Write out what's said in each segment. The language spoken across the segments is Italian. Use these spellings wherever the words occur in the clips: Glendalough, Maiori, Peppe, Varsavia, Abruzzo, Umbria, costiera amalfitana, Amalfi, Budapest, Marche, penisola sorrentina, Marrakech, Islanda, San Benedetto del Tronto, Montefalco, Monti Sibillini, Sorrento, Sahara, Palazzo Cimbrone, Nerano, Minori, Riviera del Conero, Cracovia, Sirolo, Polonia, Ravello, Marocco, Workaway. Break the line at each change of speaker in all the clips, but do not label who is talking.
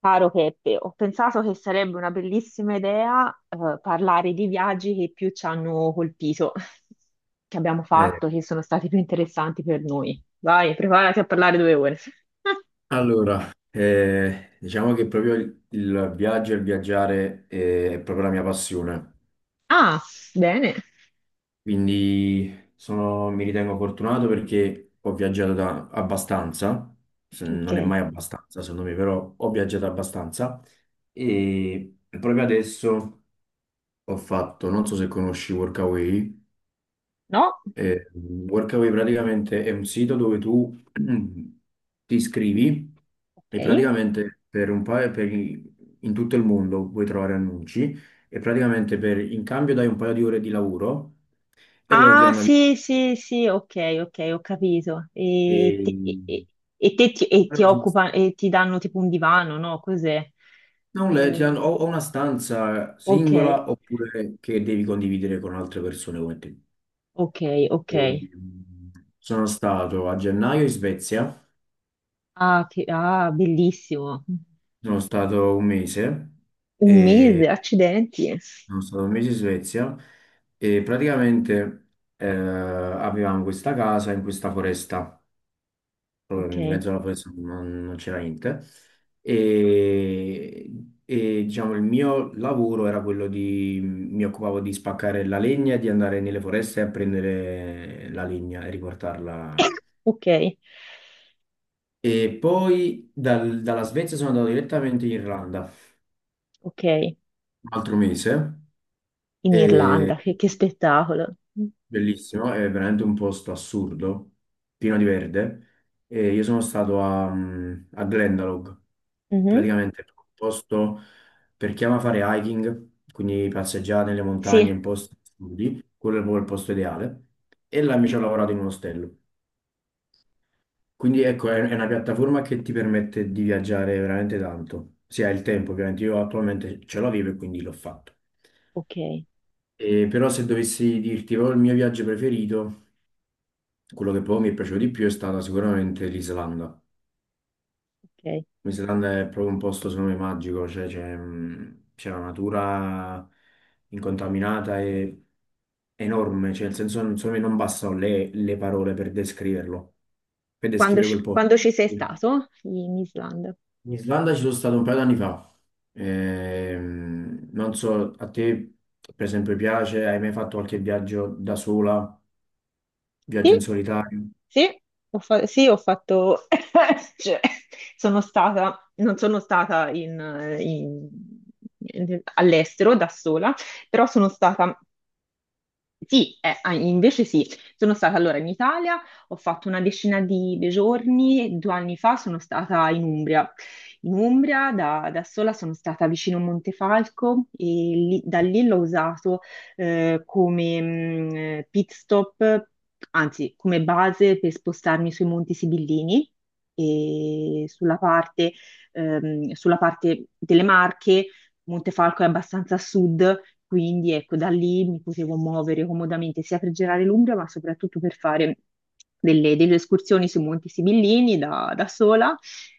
Caro Peppe, ho pensato che sarebbe una bellissima idea, parlare di viaggi che più ci hanno colpito, che abbiamo
Eh,
fatto, che sono stati più interessanti per noi. Vai, preparati a parlare 2 ore.
diciamo che proprio il viaggio e il viaggiare è proprio la mia passione,
Ah, bene.
quindi mi ritengo fortunato perché ho viaggiato abbastanza,
Ok.
non è mai abbastanza secondo me, però ho viaggiato abbastanza e proprio adesso ho fatto, non so se conosci Workaway.
No?
Eh, Workaway praticamente è un sito dove tu ti iscrivi e
Ok.
praticamente per un paio, per i- in tutto il mondo puoi trovare annunci e praticamente in cambio dai un paio di ore di lavoro e loro ti
Ah,
hanno
sì, sì, sì, ok, ok, ho capito.
e-
E ti
però
e ti danno tipo un divano, no? Cos'è?
non le- ti
Eh,
hanno, o una stanza
ok,
singola oppure che devi condividere con altre persone come te.
ok, ok.
E sono stato a gennaio in Svezia,
Ah, che, ah, bellissimo.
sono stato un mese.
Un
e
mese, accidenti.
Sono stato un mese in Svezia e praticamente avevamo questa casa in questa foresta,
Ok,
proprio in mezzo alla foresta non c'era niente. E, diciamo il mio lavoro era quello di, mi occupavo di spaccare la legna e di andare nelle foreste a prendere la legna e riportarla.
ok,
E poi dalla Svezia sono andato direttamente in Irlanda,
ok.
un altro mese.
In
E
Irlanda, che spettacolo.
bellissimo, è veramente un posto assurdo, pieno di verde. E io sono stato a, a Glendalough,
Mhm.
praticamente è un posto per chi ama fare hiking, quindi passeggiare nelle montagne
Sì,
in posti assurdi, quello è proprio il posto ideale. E là mi ci ho lavorato in un ostello. Quindi ecco, è una piattaforma che ti permette di viaggiare veramente tanto. Se hai il tempo, ovviamente io attualmente ce l'avevo e quindi l'ho fatto.
ok,
Però se dovessi dirti proprio il mio viaggio preferito, quello che proprio mi è piaciuto di più è stata sicuramente l'Islanda.
ok.
L'Islanda è proprio un posto, secondo me, magico, cioè c'è c'è la natura incontaminata e enorme, cioè nel senso, secondo me non bastano le parole per descriverlo, per descrivere quel posto.
Quando ci sei stato in Islanda?
In Islanda ci sono stato un paio d'anni fa. Non so, a te per esempio piace, hai mai fatto qualche viaggio da sola,
Sì,
viaggio in solitario?
sì, sì, ho fatto... cioè, sono stata, non sono stata in- in- in- all'estero da sola, però sono stata. Sì, invece sì, sono stata allora in Italia, ho fatto una decina di giorni, 2 anni fa sono stata in Umbria. In Umbria da, da sola sono stata vicino a Montefalco e da lì l'ho usato come pit stop, anzi come base per spostarmi sui Monti Sibillini e sulla parte delle Marche. Montefalco è abbastanza a sud, quindi ecco, da lì mi potevo muovere comodamente sia per girare l'Umbria, ma soprattutto per fare delle, delle escursioni sui Monti Sibillini da, da sola,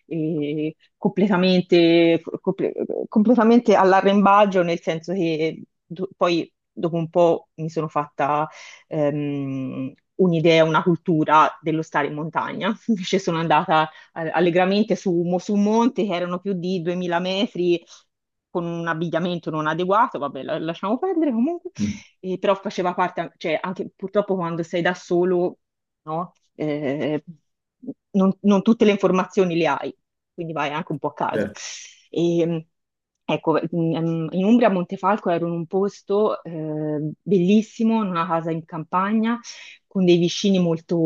e completamente all'arrembaggio, nel senso che poi dopo un po' mi sono fatta un'idea, una cultura dello stare in montagna. Invece sono andata allegramente su, su un monte che erano più di 2000 metri con un abbigliamento non adeguato, vabbè, lasciamo perdere comunque,
Mm,
e però faceva parte, cioè anche purtroppo quando sei da solo, no? Non, non tutte le informazioni le hai, quindi vai anche un po' a caso.
certo.
E, ecco, in Umbria, a Montefalco ero in un posto bellissimo, in una casa in campagna, con dei vicini molto,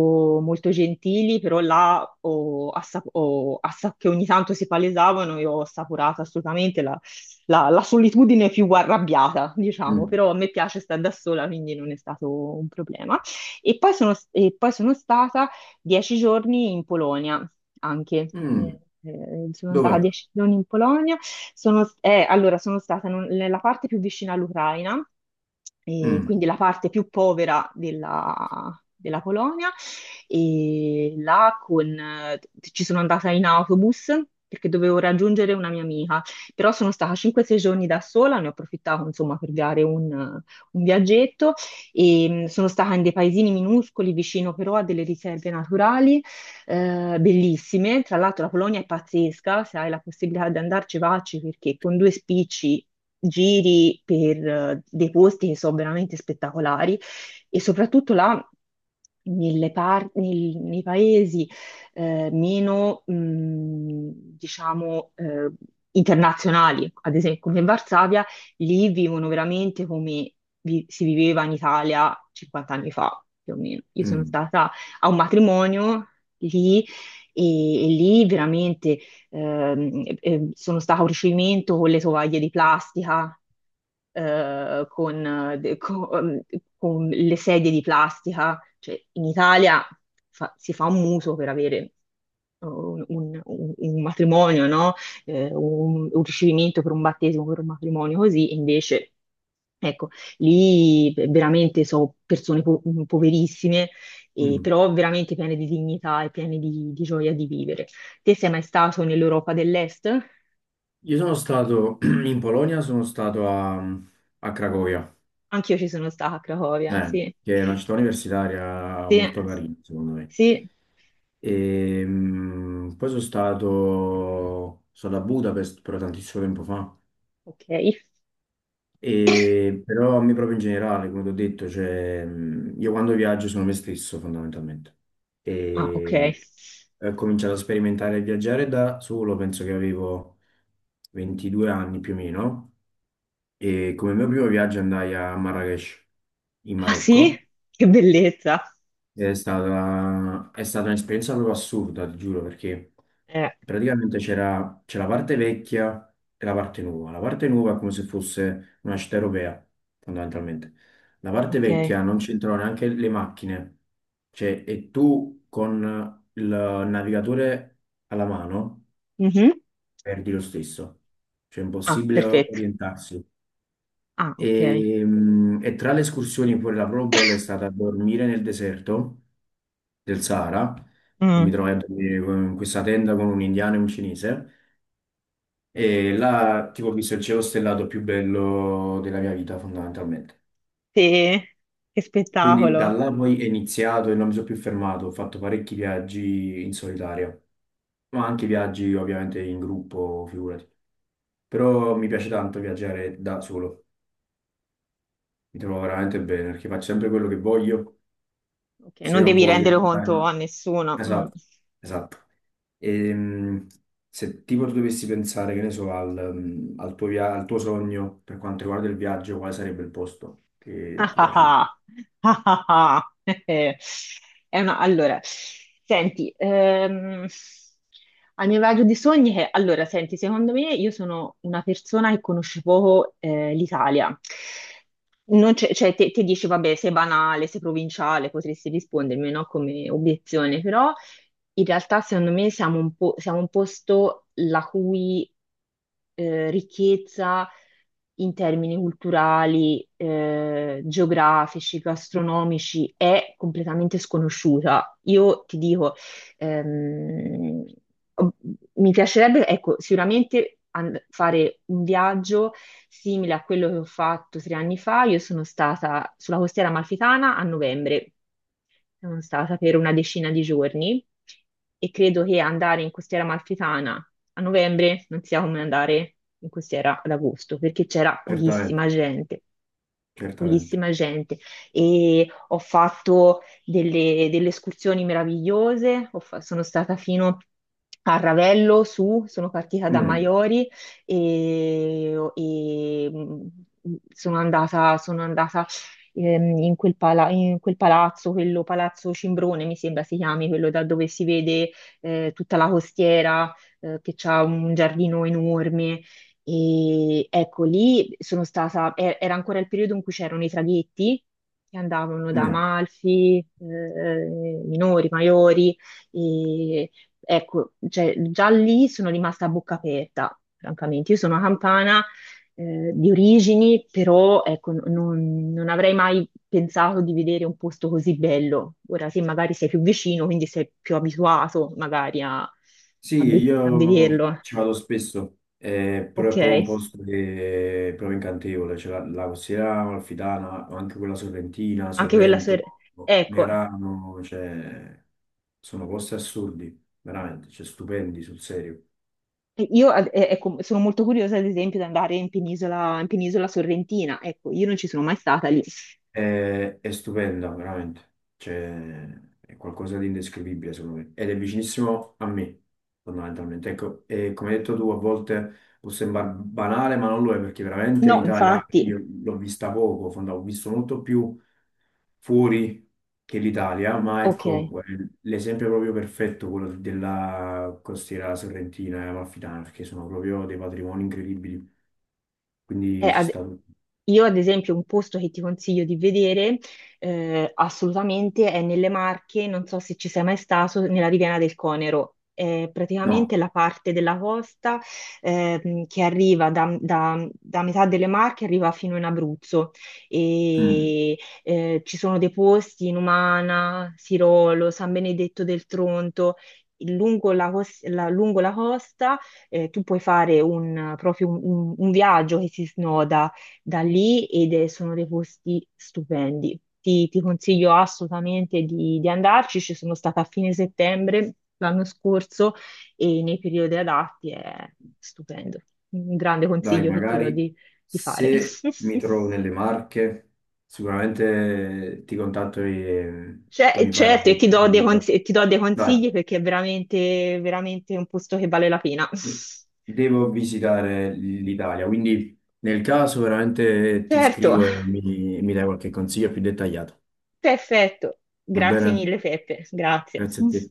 molto gentili, però là che ogni tanto si palesavano, io ho assaporato assolutamente la, la solitudine più arrabbiata, diciamo,
Mm.
però a me piace stare da sola, quindi non è stato un problema. E poi sono stata 10 giorni in Polonia anche.
Mm.
Sono andata
Dov'è?
10 giorni in Polonia. Sono, allora, sono stata nella parte più vicina all'Ucraina, e
Mm,
quindi la parte più povera della, della Polonia, e là con, ci sono andata in autobus perché dovevo raggiungere una mia amica, però sono stata 5-6 giorni da sola, ne ho approfittato insomma per dare un viaggetto e sono stata in dei paesini minuscoli vicino però a delle riserve naturali bellissime. Tra l'altro la Polonia è pazzesca, se hai la possibilità di andarci, vacci perché con due spicci giri per dei posti che sono veramente spettacolari e soprattutto là nei paesi meno, diciamo, internazionali, ad esempio come Varsavia, lì vivono veramente come si viveva in Italia 50 anni fa, più o meno. Io sono
mm,
stata a un matrimonio lì e lì veramente sono stata a un ricevimento con le tovaglie di plastica con, con le sedie di plastica. Cioè, in Italia si fa un muso per avere un, un matrimonio, no? Un ricevimento per un battesimo, per un matrimonio così, e invece, ecco, lì veramente sono persone poverissime,
mm.
però veramente piene di dignità e piene di gioia di vivere. Te sei mai stato nell'Europa dell'Est?
Io sono stato in Polonia, sono stato a, a Cracovia,
Anch'io ci sono stata a Cracovia, sì.
che è una città universitaria
Sì,
molto carina, secondo me.
sì,
E, poi sono stato a Budapest però tantissimo tempo fa.
ok.
E però a me proprio in generale, come ti ho detto, cioè, io quando viaggio sono me stesso fondamentalmente.
Ah, ok.
E ho cominciato a sperimentare e viaggiare da solo, penso che avevo 22 anni più o meno. E come mio primo viaggio andai a Marrakech, in
Ah, sì?
Marocco,
Che bellezza.
ed è stata un'esperienza proprio assurda, ti giuro, perché
Eh,
praticamente c'è la parte vecchia e la parte nuova. La parte nuova è come se fosse una città europea, fondamentalmente. La parte
ok.
vecchia non c'entrano neanche le macchine, cioè, e tu con il navigatore alla mano
Mhm.
perdi lo stesso, cioè è
Ah,
impossibile
perfetto.
orientarsi.
Ah, ok.
E tra le escursioni, pure la proprio bella è stata dormire nel deserto del Sahara e
Mm.
mi trovai a dormire in questa tenda con un indiano e un cinese e là tipo ho visto il cielo stellato più bello della mia vita fondamentalmente.
Sì, che
Quindi da
spettacolo.
là poi è iniziato e non mi sono più fermato, ho fatto parecchi viaggi in solitaria, ma anche viaggi ovviamente in gruppo, figurati. Però mi piace tanto viaggiare da solo, mi trovo veramente bene perché faccio sempre quello che voglio
Ok,
se
non
ho
devi
voglia
rendere
di fare
conto a
una...
nessuno. Mm.
Esatto, esatto. Ehm, Se tipo tu dovessi pensare, che ne so, al, al tuo, al tuo sogno per quanto riguarda il viaggio, quale sarebbe il posto che
Ah
ti
ah
piace di più?
ah, ah ah ah. Allora, senti, al mio viaggio di sogni che, allora, senti, secondo me io sono una persona che conosce poco l'Italia. Non c'è- Cioè, te, te dici, vabbè, sei banale, sei provinciale, potresti rispondermi, no, come obiezione, però in realtà, secondo me, siamo un po', siamo un posto la cui ricchezza in termini culturali, geografici, gastronomici è completamente sconosciuta. Io ti dico, Ehm, ob- mi piacerebbe, ecco, sicuramente fare un viaggio simile a quello che ho fatto 3 anni fa. Io sono stata sulla costiera amalfitana a novembre, sono stata per una decina di giorni e credo che andare in costiera amalfitana a novembre non sia come andare in costiera ad agosto, perché c'era
Certamente,
pochissima gente,
certamente.
pochissima gente, e ho fatto delle, delle escursioni meravigliose. Sono stata fino a Ravello su, sono partita da
Mm,
Maiori e, sono andata in quel, in quel palazzo, quello Palazzo Cimbrone mi sembra si chiami, quello da dove si vede tutta la costiera, che ha un giardino enorme e ecco, lì sono stata, era ancora il periodo in cui c'erano i traghetti che andavano da
mm.
Amalfi, minori, maiori, e ecco, cioè, già lì sono rimasta a bocca aperta, francamente. Io sono campana, di origini, però ecco, non, non avrei mai pensato di vedere un posto così bello. Ora, se magari sei più vicino, quindi sei più abituato magari
Sì,
a a
io
vederlo.
ci vado spesso, però
Ok.
è proprio un posto che è proprio incantevole, c'è la costiera amalfitana, ma anche quella sorrentina,
Anche quella
Sorrento,
ser- Ecco,
Nerano, cioè, sono posti assurdi, veramente, cioè, stupendi sul serio.
io ecco, sono molto curiosa, ad esempio, di andare in penisola sorrentina. Ecco, io non ci sono mai stata lì.
È stupenda, veramente. Cioè, è qualcosa di indescrivibile, secondo me. Ed è vicinissimo a me, fondamentalmente. Ecco, e come hai detto tu, a volte può sembrare banale, ma non lo è, perché veramente in
No,
Italia anche
infatti,
io l'ho vista poco, ho visto molto più fuori che l'Italia, ma
ok.
ecco, l'esempio è proprio perfetto, quello della costiera sorrentina e amalfitana, perché sono proprio dei patrimoni incredibili.
Eh,
Quindi ci
ad-
sta tutto.
Io, ad esempio, un posto che ti consiglio di vedere assolutamente è nelle Marche, non so se ci sei mai stato, nella Riviera del Conero. È
No.
praticamente la parte della costa che arriva da, da metà delle Marche, arriva fino in Abruzzo.
Mm.
E, ci sono dei posti in Umana, Sirolo, San Benedetto del Tronto. Lungo la, lungo la costa tu puoi fare un, proprio un viaggio che si snoda da lì ed sono dei posti stupendi. Ti consiglio assolutamente di andarci. Ci sono stata a fine settembre l'anno scorso e nei periodi adatti è stupendo. Un grande
Dai,
consiglio che ti do
magari
di fare.
se mi trovo nelle Marche, sicuramente ti contatto
Cioè,
e mi fai la,
certo, e ti
la
do dei
guida.
consigli, ti do dei
Dai,
consigli perché è veramente, veramente un posto che vale la pena.
devo visitare l'Italia, quindi nel caso veramente ti
Certo,
scrivo e mi dai qualche consiglio più dettagliato.
perfetto.
Va
Grazie
bene?
mille, Peppe. Grazie.
Grazie a te.